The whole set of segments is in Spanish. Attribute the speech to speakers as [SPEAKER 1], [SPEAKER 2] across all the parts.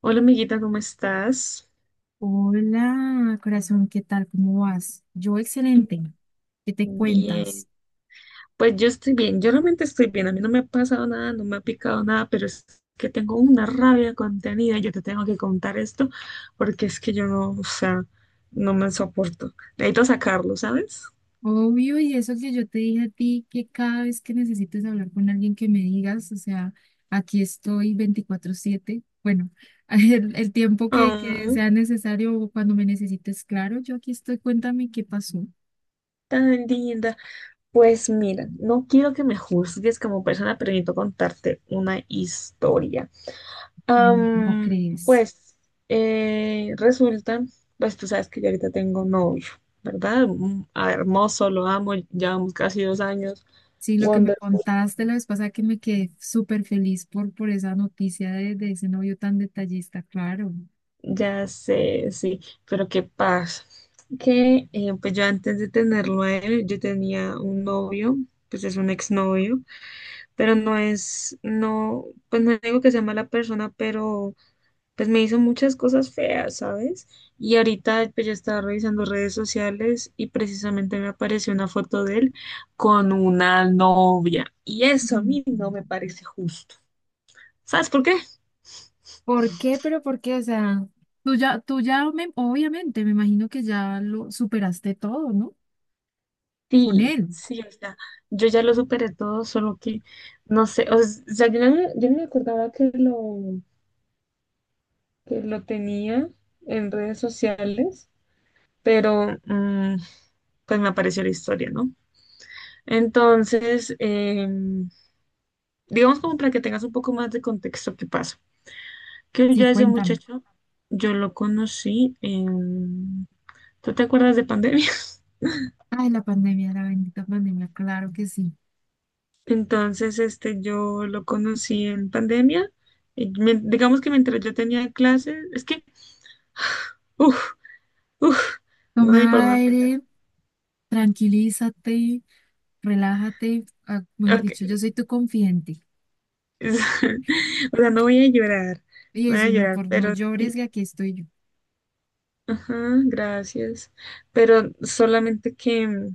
[SPEAKER 1] Hola amiguita, ¿cómo estás?
[SPEAKER 2] Hola, corazón, ¿qué tal? ¿Cómo vas? Yo excelente. ¿Qué te
[SPEAKER 1] Bien,
[SPEAKER 2] cuentas?
[SPEAKER 1] pues yo estoy bien, yo realmente estoy bien, a mí no me ha pasado nada, no me ha picado nada, pero es que tengo una rabia contenida, yo te tengo que contar esto porque es que yo no, o sea, no me soporto, necesito sacarlo, ¿sabes?
[SPEAKER 2] Obvio, y eso que yo te dije a ti, que cada vez que necesites hablar con alguien que me digas, o sea, aquí estoy 24/7. Bueno, el tiempo que
[SPEAKER 1] Oh,
[SPEAKER 2] sea necesario o cuando me necesites, claro, yo aquí estoy. Cuéntame qué pasó.
[SPEAKER 1] tan linda. Pues mira, no quiero que me juzgues como persona, pero necesito contarte una historia.
[SPEAKER 2] Ay, no, ¿cómo
[SPEAKER 1] Am,
[SPEAKER 2] crees?
[SPEAKER 1] pues resulta, pues tú sabes que yo ahorita tengo novio, ¿verdad? Ah, hermoso, lo amo, llevamos casi 2 años.
[SPEAKER 2] Sí, lo que me
[SPEAKER 1] Wonderful.
[SPEAKER 2] contaste la vez pasada que me quedé súper feliz por esa noticia de ese novio tan detallista, claro.
[SPEAKER 1] Ya sé, sí, pero ¿qué pasa? Que pues yo antes de tenerlo a él, yo tenía un novio, pues es un exnovio, pero no es, no, pues no digo que sea mala persona, pero pues me hizo muchas cosas feas, ¿sabes? Y ahorita pues yo estaba revisando redes sociales y precisamente me apareció una foto de él con una novia. Y eso a mí no me parece justo. ¿Sabes por qué?
[SPEAKER 2] ¿Por qué? Pero ¿por qué? O sea, obviamente, me imagino que ya lo superaste todo, ¿no? Con
[SPEAKER 1] Sí,
[SPEAKER 2] él.
[SPEAKER 1] sí, o sea, yo ya lo superé todo, solo que no sé, o sea, yo no me acordaba que lo tenía en redes sociales, pero pues me apareció la historia, ¿no? Entonces, digamos como para que tengas un poco más de contexto qué pasa. Que yo
[SPEAKER 2] Sí,
[SPEAKER 1] a ese
[SPEAKER 2] cuéntame.
[SPEAKER 1] muchacho, yo lo conocí en... ¿Tú te acuerdas de pandemia?
[SPEAKER 2] Ay, la pandemia, la bendita pandemia, claro que sí.
[SPEAKER 1] Entonces, este, yo lo conocí en pandemia. Y digamos que mientras yo tenía clases, es que, uff, uff, no
[SPEAKER 2] Toma
[SPEAKER 1] sé ni por dónde empezar.
[SPEAKER 2] aire. Tranquilízate, relájate, mejor
[SPEAKER 1] Ok.
[SPEAKER 2] dicho, yo soy tu confidente.
[SPEAKER 1] O sea, no voy a llorar,
[SPEAKER 2] Y
[SPEAKER 1] no voy
[SPEAKER 2] eso,
[SPEAKER 1] a
[SPEAKER 2] y no,
[SPEAKER 1] llorar,
[SPEAKER 2] por no
[SPEAKER 1] pero
[SPEAKER 2] llores,
[SPEAKER 1] sí,
[SPEAKER 2] que aquí estoy yo.
[SPEAKER 1] ajá, gracias. Pero solamente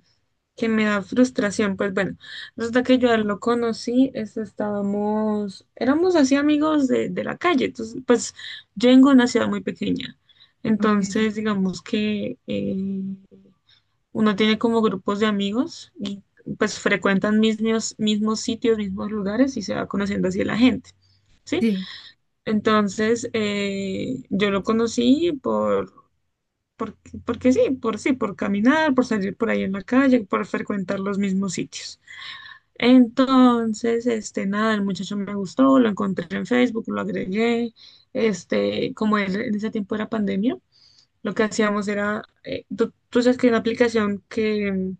[SPEAKER 1] que me da frustración. Pues bueno, resulta que yo a él lo conocí, estábamos, éramos así amigos de la calle. Entonces, pues yo vengo de una ciudad muy pequeña.
[SPEAKER 2] Ok,
[SPEAKER 1] Entonces,
[SPEAKER 2] sí.
[SPEAKER 1] digamos que uno tiene como grupos de amigos y pues frecuentan mismos sitios, mismos lugares y se va conociendo así la gente, ¿sí?
[SPEAKER 2] Sí,
[SPEAKER 1] Entonces, yo lo conocí porque, porque sí, por sí, por caminar, por salir por ahí en la calle, por frecuentar los mismos sitios. Entonces, este, nada, el muchacho me gustó, lo encontré en Facebook, lo agregué, este, en ese tiempo era pandemia, lo que hacíamos era, tú sabes que hay una aplicación que,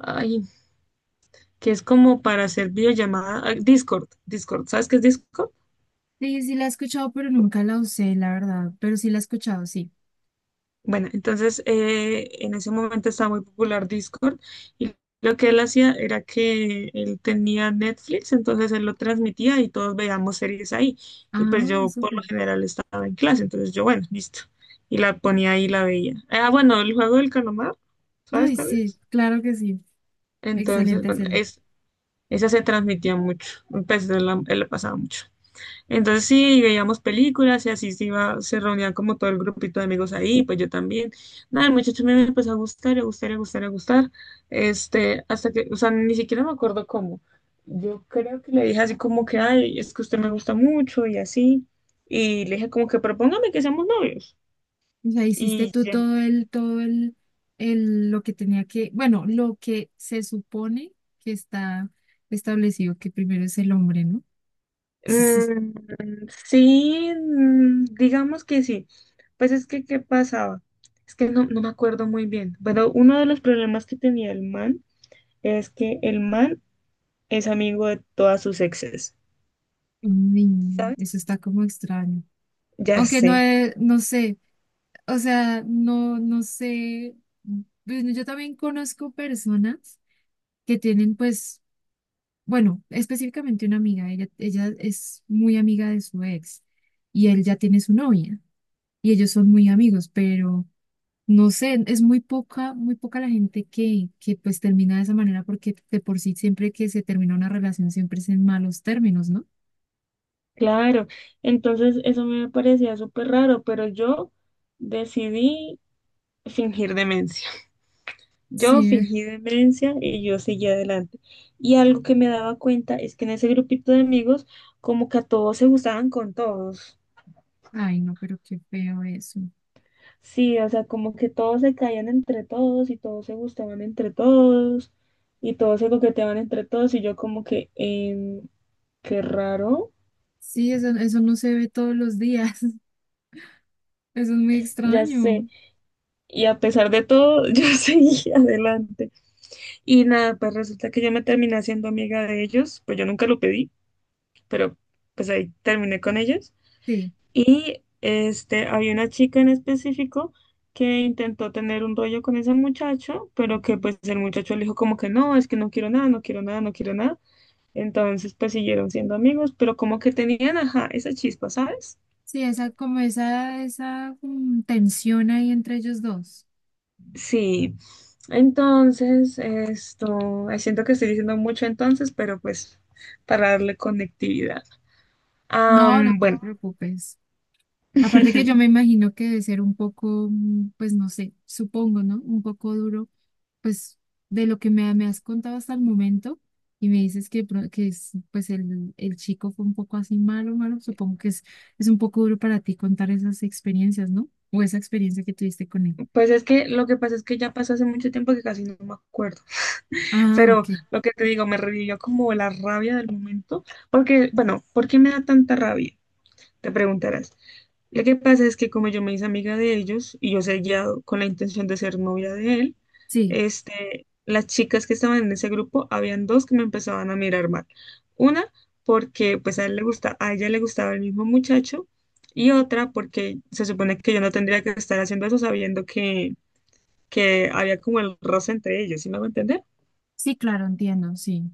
[SPEAKER 1] ay, que es como para hacer videollamada, ah, Discord, Discord, ¿sabes qué es Discord?
[SPEAKER 2] sí, sí la he escuchado, pero nunca la usé, la verdad, pero sí la he escuchado, sí.
[SPEAKER 1] Bueno, entonces en ese momento estaba muy popular Discord y lo que él hacía era que él tenía Netflix, entonces él lo transmitía y todos veíamos series ahí. Y pues
[SPEAKER 2] Ah,
[SPEAKER 1] yo por lo
[SPEAKER 2] súper.
[SPEAKER 1] general estaba en clase, entonces yo, bueno, listo. Y la ponía ahí y la veía. Ah, bueno, el juego del calamar, ¿sabes
[SPEAKER 2] Ay,
[SPEAKER 1] cuál
[SPEAKER 2] sí,
[SPEAKER 1] es?
[SPEAKER 2] claro que sí.
[SPEAKER 1] Entonces,
[SPEAKER 2] Excelente
[SPEAKER 1] bueno,
[SPEAKER 2] serie.
[SPEAKER 1] esa se transmitía mucho, pues él la pasaba mucho. Entonces sí, veíamos películas y así se iba, se reunían como todo el grupito de amigos ahí, pues yo también. Nada, el muchacho me empezó a gustar, a gustar, a gustar, a gustar. Este, hasta que, o sea, ni siquiera me acuerdo cómo. Yo creo que le dije así como que, ay, es que usted me gusta mucho y así. Y le dije como que propóngame que seamos novios.
[SPEAKER 2] O sea, hiciste
[SPEAKER 1] Y
[SPEAKER 2] tú
[SPEAKER 1] ya.
[SPEAKER 2] todo el lo que tenía que, bueno, lo que se supone que está establecido, que primero es el hombre, ¿no?
[SPEAKER 1] Mm, sí, digamos que sí. Pues es que, ¿qué pasaba? Es que no, no me acuerdo muy bien. Pero uno de los problemas que tenía el man, es que el man es amigo de todas sus exes,
[SPEAKER 2] Uy,
[SPEAKER 1] ¿sabes?
[SPEAKER 2] eso está como extraño.
[SPEAKER 1] Ya
[SPEAKER 2] Aunque no,
[SPEAKER 1] sé.
[SPEAKER 2] he- no sé, o sea, no, no sé. Bueno, yo también conozco personas que tienen, pues, bueno, específicamente una amiga, ella es muy amiga de su ex y él ya tiene su novia y ellos son muy amigos, pero no sé, es muy poca la gente que pues termina de esa manera porque de por sí siempre que se termina una relación siempre es en malos términos, ¿no?
[SPEAKER 1] Claro. Entonces eso me parecía súper raro, pero yo decidí fingir demencia. Yo
[SPEAKER 2] Sí,
[SPEAKER 1] fingí demencia y yo seguí adelante. Y algo que me daba cuenta es que en ese grupito de amigos, como que a todos se gustaban con todos.
[SPEAKER 2] ay, no, pero qué feo eso.
[SPEAKER 1] Sí, o sea, como que todos se caían entre todos y todos se gustaban entre todos y todos se coqueteaban entre todos y yo como que, qué raro,
[SPEAKER 2] Sí, eso no se ve todos los días. Eso es muy
[SPEAKER 1] ya sé.
[SPEAKER 2] extraño.
[SPEAKER 1] Y a pesar de todo, yo seguí adelante. Y nada, pues resulta que yo me terminé haciendo amiga de ellos, pues yo nunca lo pedí, pero pues ahí terminé con ellos.
[SPEAKER 2] Sí,
[SPEAKER 1] Y este, había una chica en específico que intentó tener un rollo con ese muchacho, pero que pues el muchacho le dijo como que no, es que no quiero nada, no quiero nada, no quiero nada. Entonces pues siguieron siendo amigos, pero como que tenían, ajá, esa chispa, ¿sabes?
[SPEAKER 2] sí, esa, como esa, tensión ahí entre ellos dos.
[SPEAKER 1] Sí, entonces, esto, ay, siento que estoy diciendo mucho entonces, pero pues para darle conectividad.
[SPEAKER 2] No, no te
[SPEAKER 1] Bueno.
[SPEAKER 2] preocupes. Aparte que yo me imagino que debe ser un poco, pues no sé, supongo, ¿no? Un poco duro, pues de lo que me has contado hasta el momento. Y me dices que, pro- que es, pues el chico fue un poco así malo, malo. Supongo que es un poco duro para ti contar esas experiencias, ¿no? O esa experiencia que tuviste con él.
[SPEAKER 1] Pues es que lo que pasa es que ya pasó hace mucho tiempo que casi no me acuerdo,
[SPEAKER 2] Ah,
[SPEAKER 1] pero
[SPEAKER 2] ok.
[SPEAKER 1] lo que te digo, me revivió como la rabia del momento, porque, bueno, ¿por qué me da tanta rabia? Te preguntarás. Lo que pasa es que como yo me hice amiga de ellos y yo seguía con la intención de ser novia de él,
[SPEAKER 2] Sí,
[SPEAKER 1] este, las chicas que estaban en ese grupo, habían dos que me empezaban a mirar mal. Una porque pues a ella le gustaba el mismo muchacho y otra porque se supone que yo no tendría que estar haciendo eso sabiendo que había como el roce entre ellos, ¿sí me va a entender?
[SPEAKER 2] sí, claro, entiendo, sí.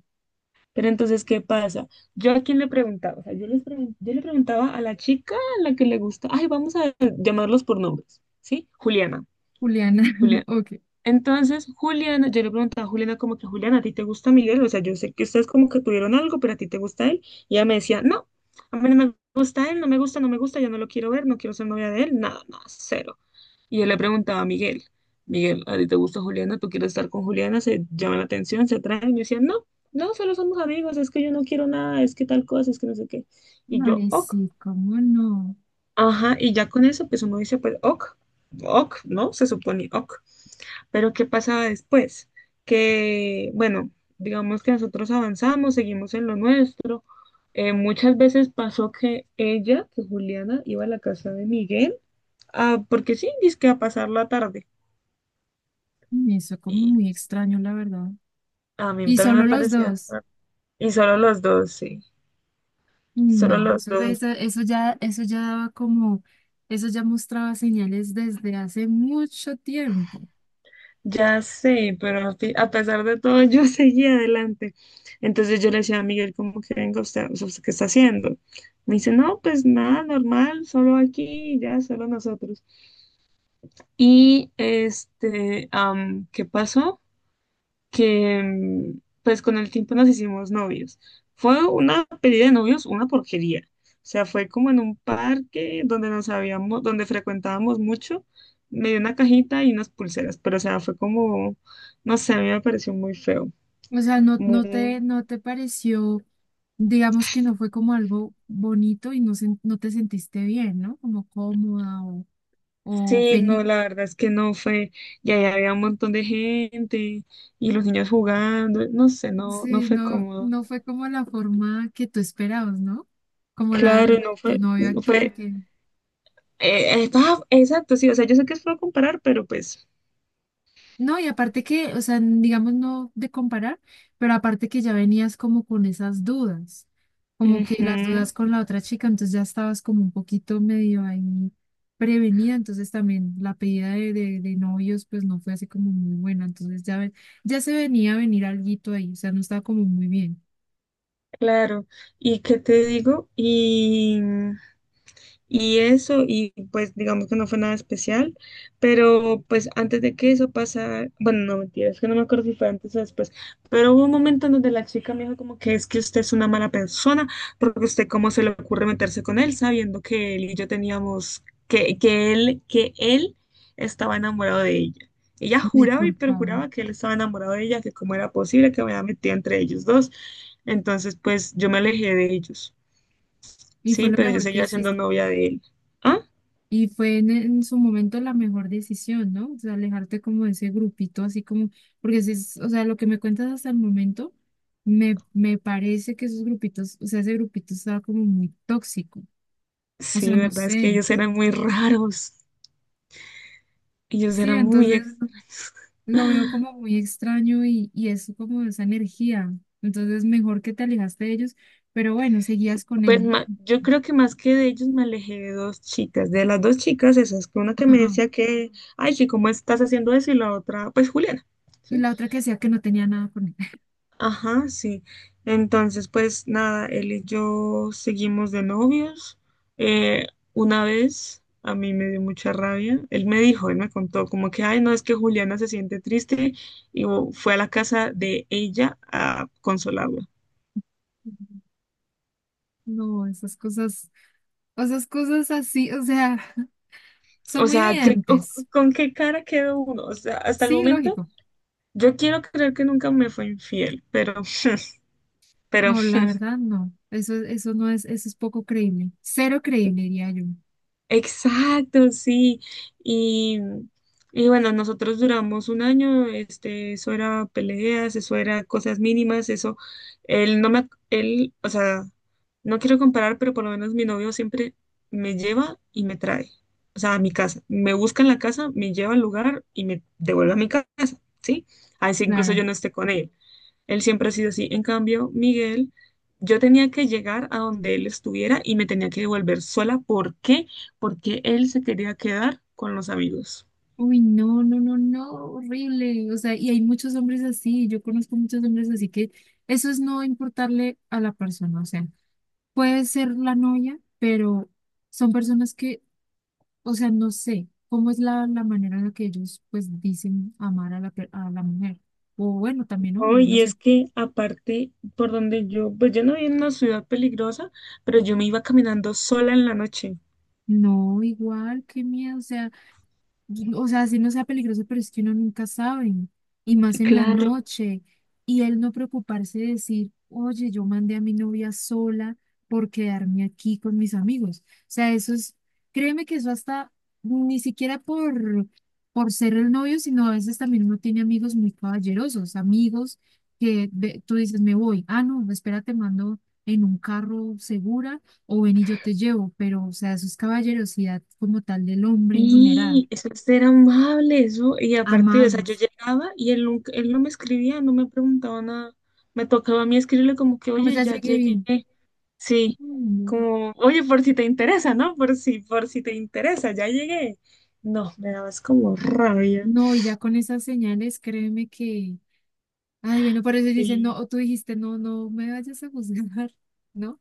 [SPEAKER 1] Pero entonces, ¿qué pasa? Yo a quién le preguntaba, o sea, yo le preguntaba a la chica a la que le gusta, ay, vamos a llamarlos por nombres, ¿sí? Juliana,
[SPEAKER 2] Juliana,
[SPEAKER 1] Juliana.
[SPEAKER 2] ok.
[SPEAKER 1] Entonces, Juliana, yo le preguntaba a Juliana como que, Juliana, ¿a ti te gusta Miguel? O sea, yo sé que ustedes como que tuvieron algo, pero ¿a ti te gusta él? Y ella me decía, no, a mí no me gusta él, no me gusta, no me gusta, yo no lo quiero ver, no quiero ser novia de él, nada, nada, cero. Y yo le preguntaba a Miguel, Miguel, ¿a ti te gusta Juliana? ¿Tú quieres estar con Juliana? ¿Se llama la atención? ¿Se atraen? Y me decían, no, no, solo somos amigos, es que yo no quiero nada, es que tal cosa, es que no sé qué. Y yo,
[SPEAKER 2] Ay,
[SPEAKER 1] ok,
[SPEAKER 2] sí, cómo no.
[SPEAKER 1] ajá, y ya con eso, pues uno dice, pues ok, ok, ¿no? Se supone ok. Pero ¿qué pasaba después? Que, bueno, digamos que nosotros avanzamos, seguimos en lo nuestro. Muchas veces pasó que ella, que Juliana, iba a la casa de Miguel, ah, porque sí, dizque a pasar la tarde.
[SPEAKER 2] Mm, eso como muy extraño, la verdad.
[SPEAKER 1] A mí
[SPEAKER 2] Y
[SPEAKER 1] también me
[SPEAKER 2] solo los
[SPEAKER 1] parecía.
[SPEAKER 2] dos.
[SPEAKER 1] Y solo los dos, sí. Solo
[SPEAKER 2] No,
[SPEAKER 1] los dos.
[SPEAKER 2] eso ya daba como, eso ya mostraba señales desde hace mucho tiempo.
[SPEAKER 1] Ya sé, pero a pesar de todo, yo seguía adelante. Entonces yo le decía a Miguel, como que venga usted, o sea, usted, ¿qué está haciendo? Me dice, no, pues nada, normal, solo aquí, ya, solo nosotros. Y este, ¿qué pasó? Que pues con el tiempo nos hicimos novios. Fue una pedida de novios, una porquería. O sea, fue como en un parque donde nos habíamos, donde frecuentábamos mucho. Me dio una cajita y unas pulseras, pero o sea, fue como, no sé, a mí me pareció muy feo,
[SPEAKER 2] O sea, no,
[SPEAKER 1] muy...
[SPEAKER 2] no te pareció, digamos que no fue como algo bonito y no, sen- no te sentiste bien, ¿no? Como cómoda o
[SPEAKER 1] Sí,
[SPEAKER 2] feliz.
[SPEAKER 1] no, la verdad es que no fue, y ahí había un montón de gente y los niños jugando, no sé, no, no
[SPEAKER 2] Sí,
[SPEAKER 1] fue
[SPEAKER 2] no,
[SPEAKER 1] cómodo.
[SPEAKER 2] no fue como la forma que tú esperabas, ¿no? Como la de
[SPEAKER 1] Claro, no
[SPEAKER 2] tu
[SPEAKER 1] fue,
[SPEAKER 2] novio actual
[SPEAKER 1] fue,
[SPEAKER 2] que...
[SPEAKER 1] estaba, exacto, sí, o sea, yo sé que es feo comparar, pero pues
[SPEAKER 2] No, y aparte que, o sea, n- digamos no de comparar, pero aparte que ya venías como con esas dudas, como que
[SPEAKER 1] ujú.
[SPEAKER 2] las dudas con la otra chica, entonces ya estabas como un poquito medio ahí prevenida, entonces también la pedida de novios pues no fue así como muy buena, entonces ya, ve- ya se venía a venir alguito ahí, o sea, no estaba como muy bien.
[SPEAKER 1] Claro, ¿y qué te digo? Y eso, y pues digamos que no fue nada especial, pero pues antes de que eso pasara, bueno, no mentira, es que no me acuerdo si fue antes o después, pero hubo un momento en donde la chica me dijo como que es que usted es una mala persona, porque usted cómo se le ocurre meterse con él sabiendo que él y yo teníamos, que él estaba enamorado de ella. Ella
[SPEAKER 2] Ay,
[SPEAKER 1] juraba y
[SPEAKER 2] por favor.
[SPEAKER 1] perjuraba que él estaba enamorado de ella, que cómo era posible que me había metido entre ellos dos. Entonces, pues yo me alejé de ellos.
[SPEAKER 2] Y fue
[SPEAKER 1] Sí,
[SPEAKER 2] lo
[SPEAKER 1] pero yo
[SPEAKER 2] mejor que
[SPEAKER 1] seguía siendo
[SPEAKER 2] hiciste.
[SPEAKER 1] novia de él. ¿Ah?
[SPEAKER 2] Y fue en su momento la mejor decisión, ¿no? O sea, alejarte como de ese grupito, así como, porque si es, o sea, lo que me cuentas hasta el momento, me parece que esos grupitos, o sea, ese grupito estaba como muy tóxico. O
[SPEAKER 1] Sí,
[SPEAKER 2] sea, no
[SPEAKER 1] verdad, es que
[SPEAKER 2] sé.
[SPEAKER 1] ellos eran muy raros. Ellos
[SPEAKER 2] Sí,
[SPEAKER 1] eran muy
[SPEAKER 2] entonces
[SPEAKER 1] extraños.
[SPEAKER 2] lo veo como muy extraño y es como esa energía. Entonces, mejor que te alejaste de ellos, pero bueno, seguías con él, ¿no?
[SPEAKER 1] Yo creo que más que de ellos me alejé de dos chicas, de las dos chicas esas, que una que me
[SPEAKER 2] Ajá.
[SPEAKER 1] decía que, ay, sí, ¿cómo estás haciendo eso? Y la otra, pues Juliana,
[SPEAKER 2] Y
[SPEAKER 1] ¿sí?
[SPEAKER 2] la otra que decía que no tenía nada con él.
[SPEAKER 1] Ajá, sí. Entonces, pues nada, él y yo seguimos de novios. Eh, una vez a mí me dio mucha rabia. Él me dijo, él me contó como que, ay, no, es que Juliana se siente triste y oh, fue a la casa de ella a consolarla.
[SPEAKER 2] No, esas cosas así, o sea. Son
[SPEAKER 1] O
[SPEAKER 2] muy
[SPEAKER 1] sea, ¿qué-
[SPEAKER 2] evidentes.
[SPEAKER 1] con qué cara quedó uno? O sea, hasta el
[SPEAKER 2] Sí,
[SPEAKER 1] momento
[SPEAKER 2] lógico.
[SPEAKER 1] yo quiero creer que nunca me fue infiel, pero
[SPEAKER 2] No, la verdad no. Eso no es, eso es poco creíble. Cero creíble, diría yo.
[SPEAKER 1] exacto, sí. Y, y bueno, nosotros duramos un año, este, eso era peleas, eso era cosas mínimas, eso, él no me, él, o sea, no quiero comparar, pero por lo menos mi novio siempre me lleva y me trae, o sea, a mi casa, me busca en la casa, me lleva al lugar y me devuelve a mi casa, ¿sí? A veces incluso
[SPEAKER 2] Claro.
[SPEAKER 1] yo no esté con él. Él siempre ha sido así. En cambio, Miguel, yo tenía que llegar a donde él estuviera y me tenía que devolver sola. ¿Por qué? Porque él se quería quedar con los amigos.
[SPEAKER 2] Uy, no, no, no, no, horrible. O sea, y hay muchos hombres así. Yo conozco muchos hombres así que eso es no importarle a la persona. O sea, puede ser la novia, pero son personas que, o sea, no sé cómo es la manera en la que ellos pues dicen amar a la, per- a la mujer. O bueno, también
[SPEAKER 1] Oh,
[SPEAKER 2] hombres, no
[SPEAKER 1] y es
[SPEAKER 2] sé.
[SPEAKER 1] que aparte, por donde yo, pues yo no vivía en una ciudad peligrosa, pero yo me iba caminando sola en la noche.
[SPEAKER 2] No, igual, qué miedo, o sea, o sea, si no sea peligroso, pero es que uno nunca sabe, y más en la
[SPEAKER 1] Claro.
[SPEAKER 2] noche, y él no preocuparse de decir, oye, yo mandé a mi novia sola por quedarme aquí con mis amigos. O sea, eso es, créeme que eso hasta ni siquiera por ser el novio, sino a veces también uno tiene amigos muy caballerosos, amigos que ve- tú dices, me voy, ah, no, espera, te mando en un carro segura o ven y yo te llevo, pero o sea, eso es caballerosidad como tal del hombre en general.
[SPEAKER 1] Y eso es ser amable, eso. Y aparte, o sea, yo
[SPEAKER 2] Amables.
[SPEAKER 1] llegaba y él, él no me escribía, no me preguntaba nada. Me tocaba a mí escribirle como que,
[SPEAKER 2] Como
[SPEAKER 1] oye,
[SPEAKER 2] ya
[SPEAKER 1] ya
[SPEAKER 2] llegué
[SPEAKER 1] llegué.
[SPEAKER 2] bien.
[SPEAKER 1] Sí,
[SPEAKER 2] Mm,
[SPEAKER 1] como, oye, por si te interesa, ¿no? Por si te interesa, ya llegué. No, me dabas como rabia.
[SPEAKER 2] no, no, y ya con esas señales, créeme que. Ay, bueno, por eso dicen, no,
[SPEAKER 1] Sí,
[SPEAKER 2] o tú dijiste, no, no me vayas a juzgar, ¿no?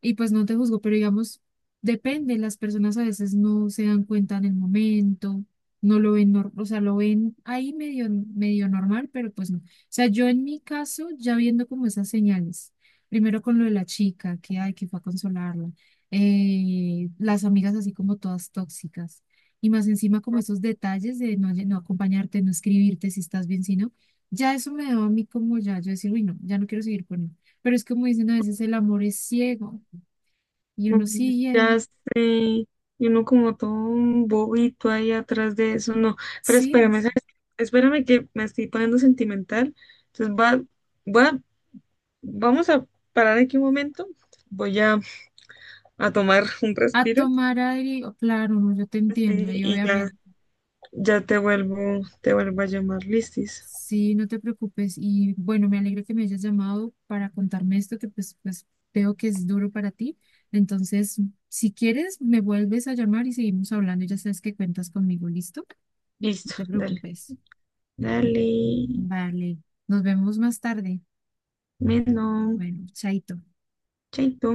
[SPEAKER 2] Y pues no te juzgo, pero digamos, depende, las personas a veces no se dan cuenta en el momento, no lo ven, nor- o sea, lo ven ahí medio, medio normal, pero pues no. O sea, yo en mi caso, ya viendo como esas señales, primero con lo de la chica, que ay, que fue a consolarla, las amigas así como todas tóxicas, y más encima como esos detalles de no, lle- no acompañarte, no escribirte si estás bien, si no, ya eso me da a mí como ya, yo decir, uy, no, ya no quiero seguir con él. Pero es como dicen a veces, el amor es ciego. Y uno sigue
[SPEAKER 1] ya
[SPEAKER 2] ahí,
[SPEAKER 1] sé. Y uno como todo un bobito ahí atrás de eso, no. Pero
[SPEAKER 2] sí,
[SPEAKER 1] espérame, ¿sabes qué? Espérame que me estoy poniendo sentimental. Entonces va, vamos a parar aquí un momento. Voy a, tomar un
[SPEAKER 2] a
[SPEAKER 1] respiro.
[SPEAKER 2] tomar aire, o- claro, no, yo te
[SPEAKER 1] Sí,
[SPEAKER 2] entiendo y
[SPEAKER 1] y ya,
[SPEAKER 2] obviamente,
[SPEAKER 1] ya te vuelvo, a llamar, listis.
[SPEAKER 2] sí, no te preocupes y bueno, me alegra que me hayas llamado para contarme esto que pues, pues veo que es duro para ti, entonces, si quieres, me vuelves a llamar y seguimos hablando, ya sabes que cuentas conmigo, ¿listo? No
[SPEAKER 1] Listo,
[SPEAKER 2] te
[SPEAKER 1] dale.
[SPEAKER 2] preocupes.
[SPEAKER 1] Dale,
[SPEAKER 2] Vale, nos vemos más tarde.
[SPEAKER 1] menos,
[SPEAKER 2] Bueno, chaito.
[SPEAKER 1] chaito.